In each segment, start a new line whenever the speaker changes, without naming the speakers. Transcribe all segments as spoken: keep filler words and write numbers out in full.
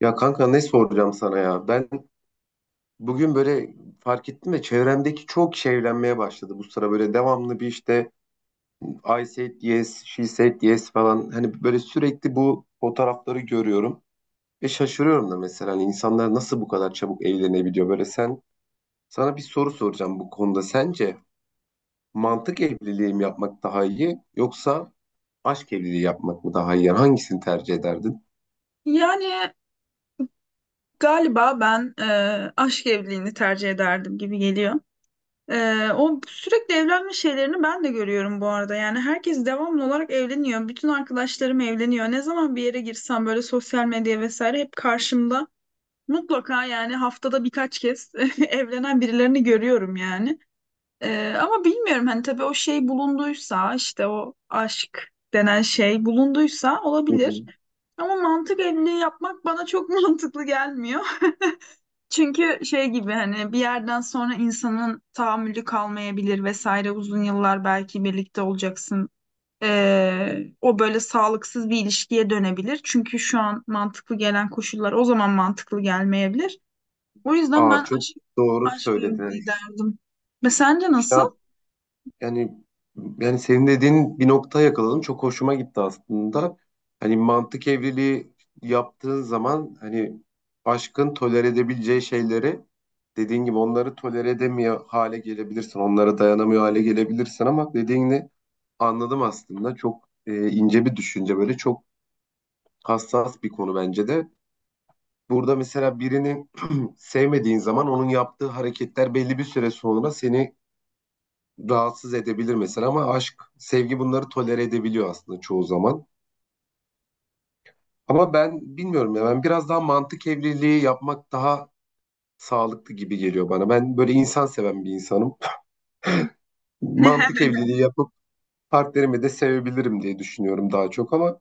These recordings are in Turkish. Ya kanka ne soracağım sana ya? Ben bugün böyle fark ettim de çevremdeki çok kişi evlenmeye başladı bu sıra böyle devamlı bir işte I said yes, she said yes falan hani böyle sürekli bu fotoğrafları görüyorum ve şaşırıyorum da mesela hani insanlar nasıl bu kadar çabuk evlenebiliyor böyle sen sana bir soru soracağım bu konuda sence mantık evliliği mi yapmak daha iyi yoksa aşk evliliği yapmak mı daha iyi yani hangisini tercih ederdin?
Yani galiba ben e, aşk evliliğini tercih ederdim gibi geliyor. E, o sürekli evlenme şeylerini ben de görüyorum bu arada. Yani herkes devamlı olarak evleniyor. Bütün arkadaşlarım evleniyor. Ne zaman bir yere girsem böyle sosyal medya vesaire hep karşımda. Mutlaka yani haftada birkaç kez evlenen birilerini görüyorum yani. E, ama bilmiyorum hani tabii o şey bulunduysa işte o aşk denen şey bulunduysa
Hı
olabilir.
hı.
Ama mantık evliliği yapmak bana çok mantıklı gelmiyor. Çünkü şey gibi hani bir yerden sonra insanın tahammülü kalmayabilir vesaire uzun yıllar belki birlikte olacaksın. Ee, o böyle sağlıksız bir ilişkiye dönebilir. Çünkü şu an mantıklı gelen koşullar o zaman mantıklı gelmeyebilir. O yüzden
Aa
ben
çok
aşk,
doğru
aşk
söyledin. Hani
evliliği derdim. Ve sence
işte.
nasıl?
Yani yani senin dediğin bir noktaya yakaladım. Çok hoşuma gitti aslında. Hani mantık evliliği yaptığın zaman hani aşkın tolere edebileceği şeyleri dediğin gibi onları tolere edemiyor hale gelebilirsin. Onlara dayanamıyor hale gelebilirsin ama dediğini anladım aslında. Çok e, ince bir düşünce, böyle çok hassas bir konu bence de. Burada mesela birini sevmediğin zaman onun yaptığı hareketler belli bir süre sonra seni rahatsız edebilir mesela ama aşk, sevgi bunları tolere edebiliyor aslında çoğu zaman. Ama ben bilmiyorum ya, ben biraz daha mantık evliliği yapmak daha sağlıklı gibi geliyor bana. Ben böyle insan seven bir insanım. Mantık evliliği yapıp partnerimi de sevebilirim diye düşünüyorum daha çok ama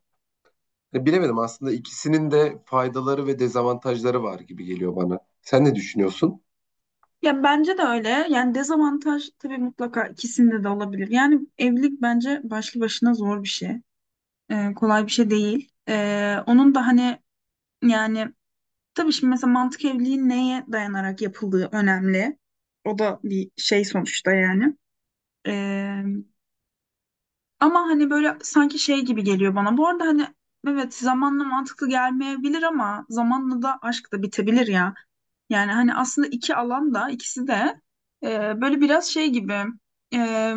e, bilemedim aslında, ikisinin de faydaları ve dezavantajları var gibi geliyor bana. Sen ne düşünüyorsun?
Ya bence de öyle. Yani dezavantaj tabii mutlaka ikisinde de olabilir. Yani evlilik bence başlı başına zor bir şey. Ee, kolay bir şey değil. Ee, onun da hani yani tabii şimdi mesela mantık evliliğin neye dayanarak yapıldığı önemli. O da bir şey sonuçta yani. Ee, Ama hani böyle sanki şey gibi geliyor bana. Bu arada hani evet zamanla mantıklı gelmeyebilir ama zamanla da aşk da bitebilir ya. Yani hani aslında iki alan da ikisi de e, böyle biraz şey gibi e,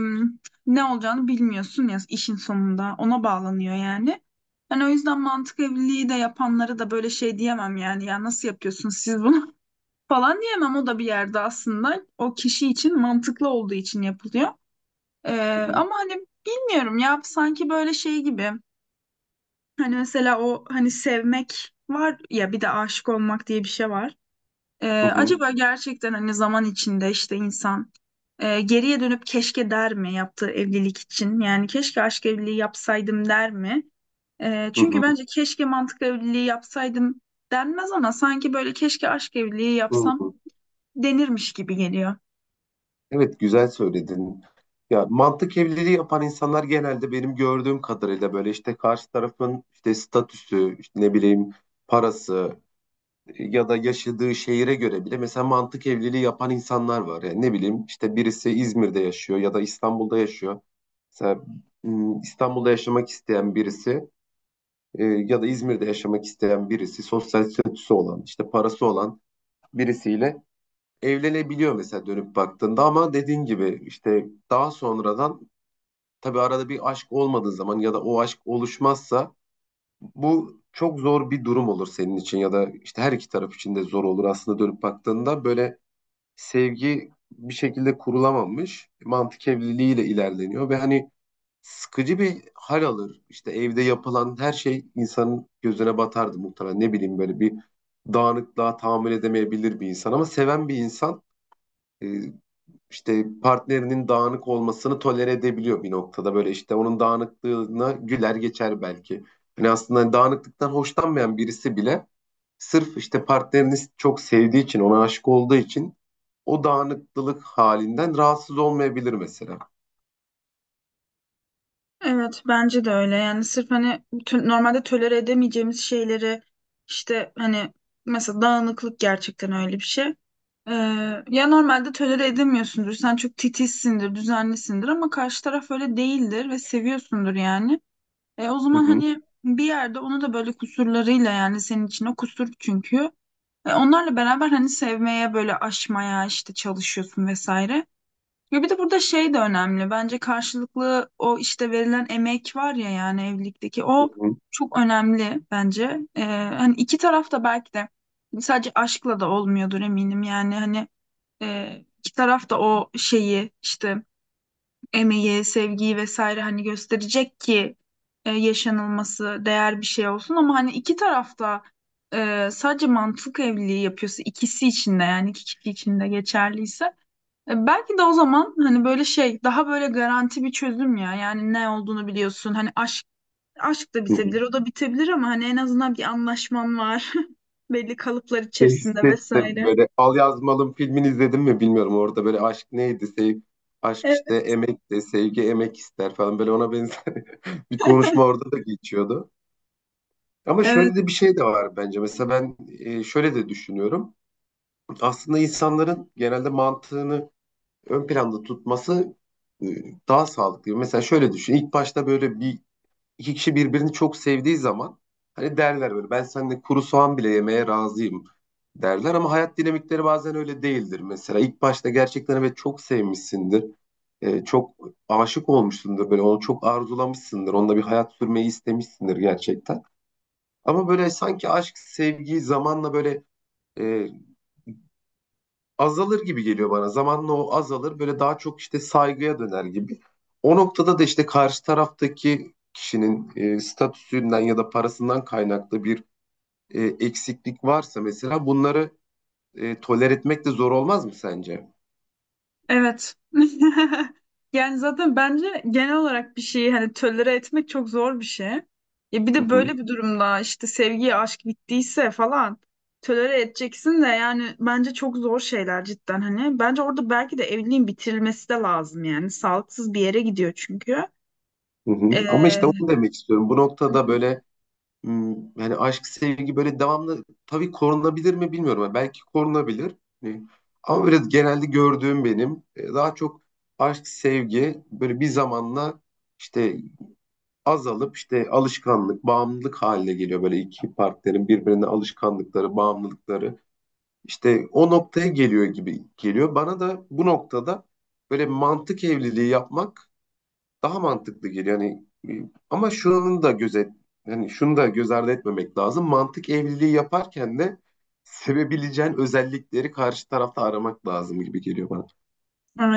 ne olacağını bilmiyorsun ya işin sonunda ona bağlanıyor yani. Hani o yüzden mantık evliliği de yapanları da böyle şey diyemem yani ya nasıl yapıyorsunuz siz bunu? Falan diyemem, o da bir yerde aslında o kişi için mantıklı olduğu için yapılıyor. Ee,
Hı hı,
Ama hani bilmiyorum ya sanki böyle şey gibi hani mesela o hani sevmek var ya bir de aşık olmak diye bir şey var. Ee,
hı hı,
acaba gerçekten hani zaman içinde işte insan e, geriye dönüp keşke der mi yaptığı evlilik için yani keşke aşk evliliği yapsaydım der mi? Ee,
hı
çünkü
hı,
bence keşke mantıklı evliliği yapsaydım denmez ama sanki böyle keşke aşk evliliği
hı
yapsam
hı.
denirmiş gibi geliyor.
Evet, güzel söyledin. Ya mantık evliliği yapan insanlar genelde benim gördüğüm kadarıyla böyle işte karşı tarafın işte statüsü, işte ne bileyim parası e, ya da yaşadığı şehire göre bile mesela mantık evliliği yapan insanlar var. Yani ne bileyim işte birisi İzmir'de yaşıyor ya da İstanbul'da yaşıyor. Mesela m, İstanbul'da yaşamak isteyen birisi e, ya da İzmir'de yaşamak isteyen birisi sosyal statüsü olan, işte parası olan birisiyle evlenebiliyor mesela dönüp baktığında, ama dediğin gibi işte daha sonradan tabii arada bir aşk olmadığı zaman ya da o aşk oluşmazsa bu çok zor bir durum olur senin için ya da işte her iki taraf için de zor olur aslında. Dönüp baktığında böyle sevgi bir şekilde kurulamamış, mantık evliliğiyle ilerleniyor ve hani sıkıcı bir hal alır. İşte evde yapılan her şey insanın gözüne batardı muhtemelen, ne bileyim böyle bir dağınıklığa tahammül edemeyebilir bir insan ama seven bir insan e, işte partnerinin dağınık olmasını tolere edebiliyor bir noktada. Böyle işte onun dağınıklığına güler geçer belki. Hani aslında dağınıklıktan hoşlanmayan birisi bile sırf işte partnerini çok sevdiği için, ona aşık olduğu için o dağınıklılık halinden rahatsız olmayabilir mesela.
Evet bence de öyle yani sırf hani tö- normalde tolere edemeyeceğimiz şeyleri işte hani mesela dağınıklık gerçekten öyle bir şey. Ee, Ya normalde tolere edemiyorsundur, sen çok titizsindir düzenlisindir ama karşı taraf öyle değildir ve seviyorsundur yani. E, o
Hı
zaman
hı,
hani bir yerde onu da böyle kusurlarıyla, yani senin için o kusur çünkü. E, onlarla beraber hani sevmeye böyle aşmaya işte çalışıyorsun vesaire. Ya bir de burada şey de önemli. Bence karşılıklı o işte verilen emek var ya, yani evlilikteki
hı
o
hı,
çok önemli bence. Ee, hani iki taraf da belki de sadece aşkla da olmuyordur eminim. Yani hani e, iki taraf da o şeyi işte emeği, sevgiyi vesaire hani gösterecek ki e, yaşanılması değer bir şey olsun. Ama hani iki taraf da e, sadece mantık evliliği yapıyorsa, ikisi için de yani iki kişi için de geçerliyse e, belki de o zaman hani böyle şey daha böyle garanti bir çözüm ya. Yani ne olduğunu biliyorsun. Hani aşk aşk da
hı hı.
bitebilir, o da bitebilir ama hani en azından bir anlaşman var. Belli kalıplar
Şey
içerisinde
hissettim
vesaire.
böyle, Al Yazmalım filmini izledim mi bilmiyorum, orada böyle aşk neydi, sev aşk işte
Evet.
emek, de sevgi emek ister falan, böyle ona benzer bir konuşma orada da geçiyordu. Ama
Evet.
şöyle de bir şey de var bence. Mesela ben e, şöyle de düşünüyorum. Aslında insanların genelde mantığını ön planda tutması e, daha sağlıklı. Mesela şöyle düşün. İlk başta böyle bir iki kişi birbirini çok sevdiği zaman hani derler böyle, ben seninle kuru soğan bile yemeye razıyım derler, ama hayat dinamikleri bazen öyle değildir. Mesela ilk başta gerçekten evet çok sevmişsindir. E, çok aşık olmuşsundur, böyle onu çok arzulamışsındır. Onunla bir hayat sürmeyi istemişsindir gerçekten. Ama böyle sanki aşk, sevgi zamanla böyle e, azalır gibi geliyor bana. Zamanla o azalır, böyle daha çok işte saygıya döner gibi. O noktada da işte karşı taraftaki kişinin e, statüsünden ya da parasından kaynaklı bir e, eksiklik varsa mesela bunları e, toler etmek de zor olmaz mı sence?
Evet. Yani zaten bence genel olarak bir şeyi hani tölere etmek çok zor bir şey. Ya bir
Hı
de
hı,
böyle bir durumda işte sevgi, aşk bittiyse falan tölere edeceksin de yani bence çok zor şeyler cidden hani. Bence orada belki de evliliğin bitirilmesi de lazım yani. Sağlıksız bir yere gidiyor çünkü.
hı hı. Ama işte
Ee,
onu demek istiyorum. Bu noktada böyle Hmm, yani aşk, sevgi böyle devamlı tabii korunabilir mi bilmiyorum. Yani belki korunabilir. Hani ama böyle genelde gördüğüm benim e, daha çok aşk, sevgi böyle bir zamanla işte azalıp işte alışkanlık, bağımlılık haline geliyor. Böyle iki partnerin birbirine alışkanlıkları, bağımlılıkları işte o noktaya geliyor gibi geliyor. Bana da bu noktada böyle mantık evliliği yapmak daha mantıklı geliyor. Yani e, ama şunun da gözet yani şunu da göz ardı etmemek lazım. Mantık evliliği yaparken de sevebileceğin özellikleri karşı tarafta aramak lazım gibi geliyor bana.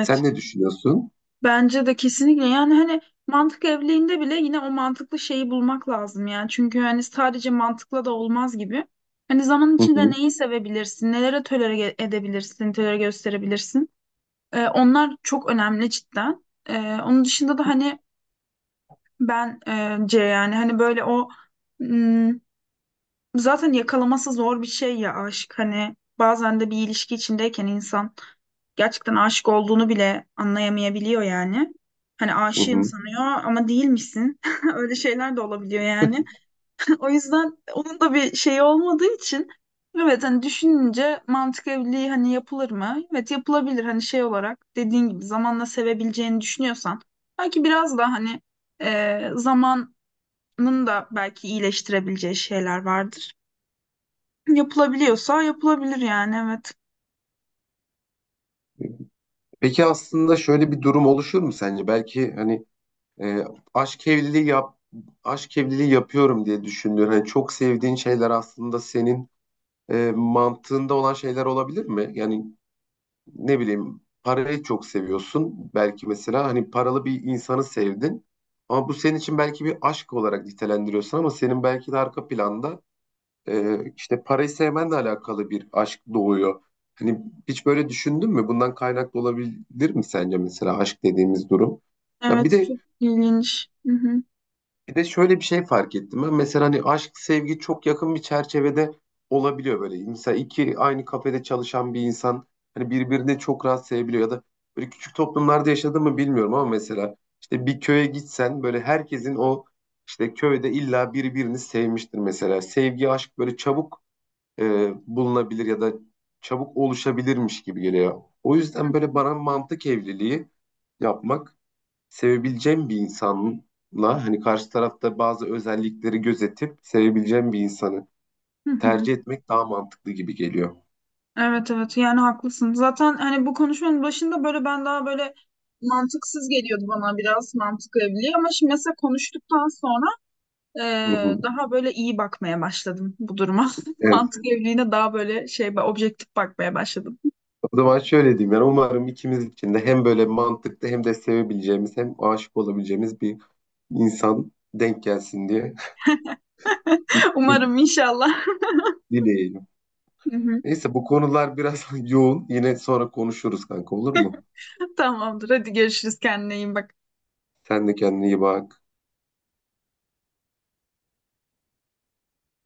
Sen ne düşünüyorsun?
Bence de kesinlikle yani hani mantık evliliğinde bile yine o mantıklı şeyi bulmak lazım yani. Çünkü hani sadece mantıkla da olmaz gibi. Hani zaman
Hı
içinde
hı,
neyi sevebilirsin, nelere tolere ge- edebilirsin, tolere gösterebilirsin. Ee, onlar çok önemli cidden. Ee, onun dışında da hani bence yani hani böyle o m, zaten yakalaması zor bir şey ya aşk. Hani bazen de bir ilişki içindeyken insan gerçekten aşık olduğunu bile anlayamayabiliyor yani. Hani
hı
aşığım
hı.
sanıyor ama değilmişsin. Öyle şeyler de olabiliyor yani. O yüzden onun da bir şeyi olmadığı için evet hani düşününce mantık evliliği hani yapılır mı? Evet yapılabilir hani şey olarak dediğin gibi zamanla sevebileceğini düşünüyorsan belki biraz da hani e, zamanın da belki iyileştirebileceği şeyler vardır. Yapılabiliyorsa yapılabilir yani evet.
Peki aslında şöyle bir durum oluşur mu sence? Belki hani e, aşk evliliği yap aşk evliliği yapıyorum diye düşündüğün hani çok sevdiğin şeyler aslında senin e, mantığında olan şeyler olabilir mi? Yani ne bileyim parayı çok seviyorsun. Belki mesela hani paralı bir insanı sevdin. Ama bu senin için belki bir aşk olarak nitelendiriyorsun, ama senin belki de arka planda e, işte parayı sevmenle alakalı bir aşk doğuyor. Hani hiç böyle düşündün mü? Bundan kaynaklı olabilir mi sence mesela aşk dediğimiz durum? Ya bir
Evet
de
çok ilginç. Hı hı.
bir de şöyle bir şey fark ettim ben. Mesela hani aşk, sevgi çok yakın bir çerçevede olabiliyor böyle. Mesela iki aynı kafede çalışan bir insan hani birbirini çok rahat sevebiliyor ya da böyle küçük toplumlarda yaşadı mı bilmiyorum, ama mesela işte bir köye gitsen böyle herkesin o işte köyde illa birbirini sevmiştir mesela. Sevgi, aşk böyle çabuk e, bulunabilir ya da çabuk oluşabilirmiş gibi geliyor. O yüzden böyle bana mantık evliliği yapmak, sevebileceğim bir insanla hani karşı tarafta bazı özellikleri gözetip sevebileceğim bir insanı
Hı hı.
tercih etmek daha mantıklı gibi geliyor.
Evet evet yani haklısın. Zaten hani bu konuşmanın başında böyle ben daha böyle mantıksız geliyordu bana biraz mantık evliliği, ama şimdi mesela konuştuktan sonra e,
Hı hı.
daha böyle iyi bakmaya başladım bu duruma.
Evet.
Mantık evliliğine daha böyle şey objektif bakmaya başladım.
O zaman şöyle diyeyim, yani umarım ikimiz için de hem böyle mantıklı, hem de sevebileceğimiz, hem aşık olabileceğimiz bir insan denk gelsin diye
Umarım inşallah.
dileyelim.
Hı hı.
Neyse bu konular biraz yoğun. Yine sonra konuşuruz kanka, olur mu?
Tamamdır hadi görüşürüz kendine iyi bak.
Sen de kendine iyi bak.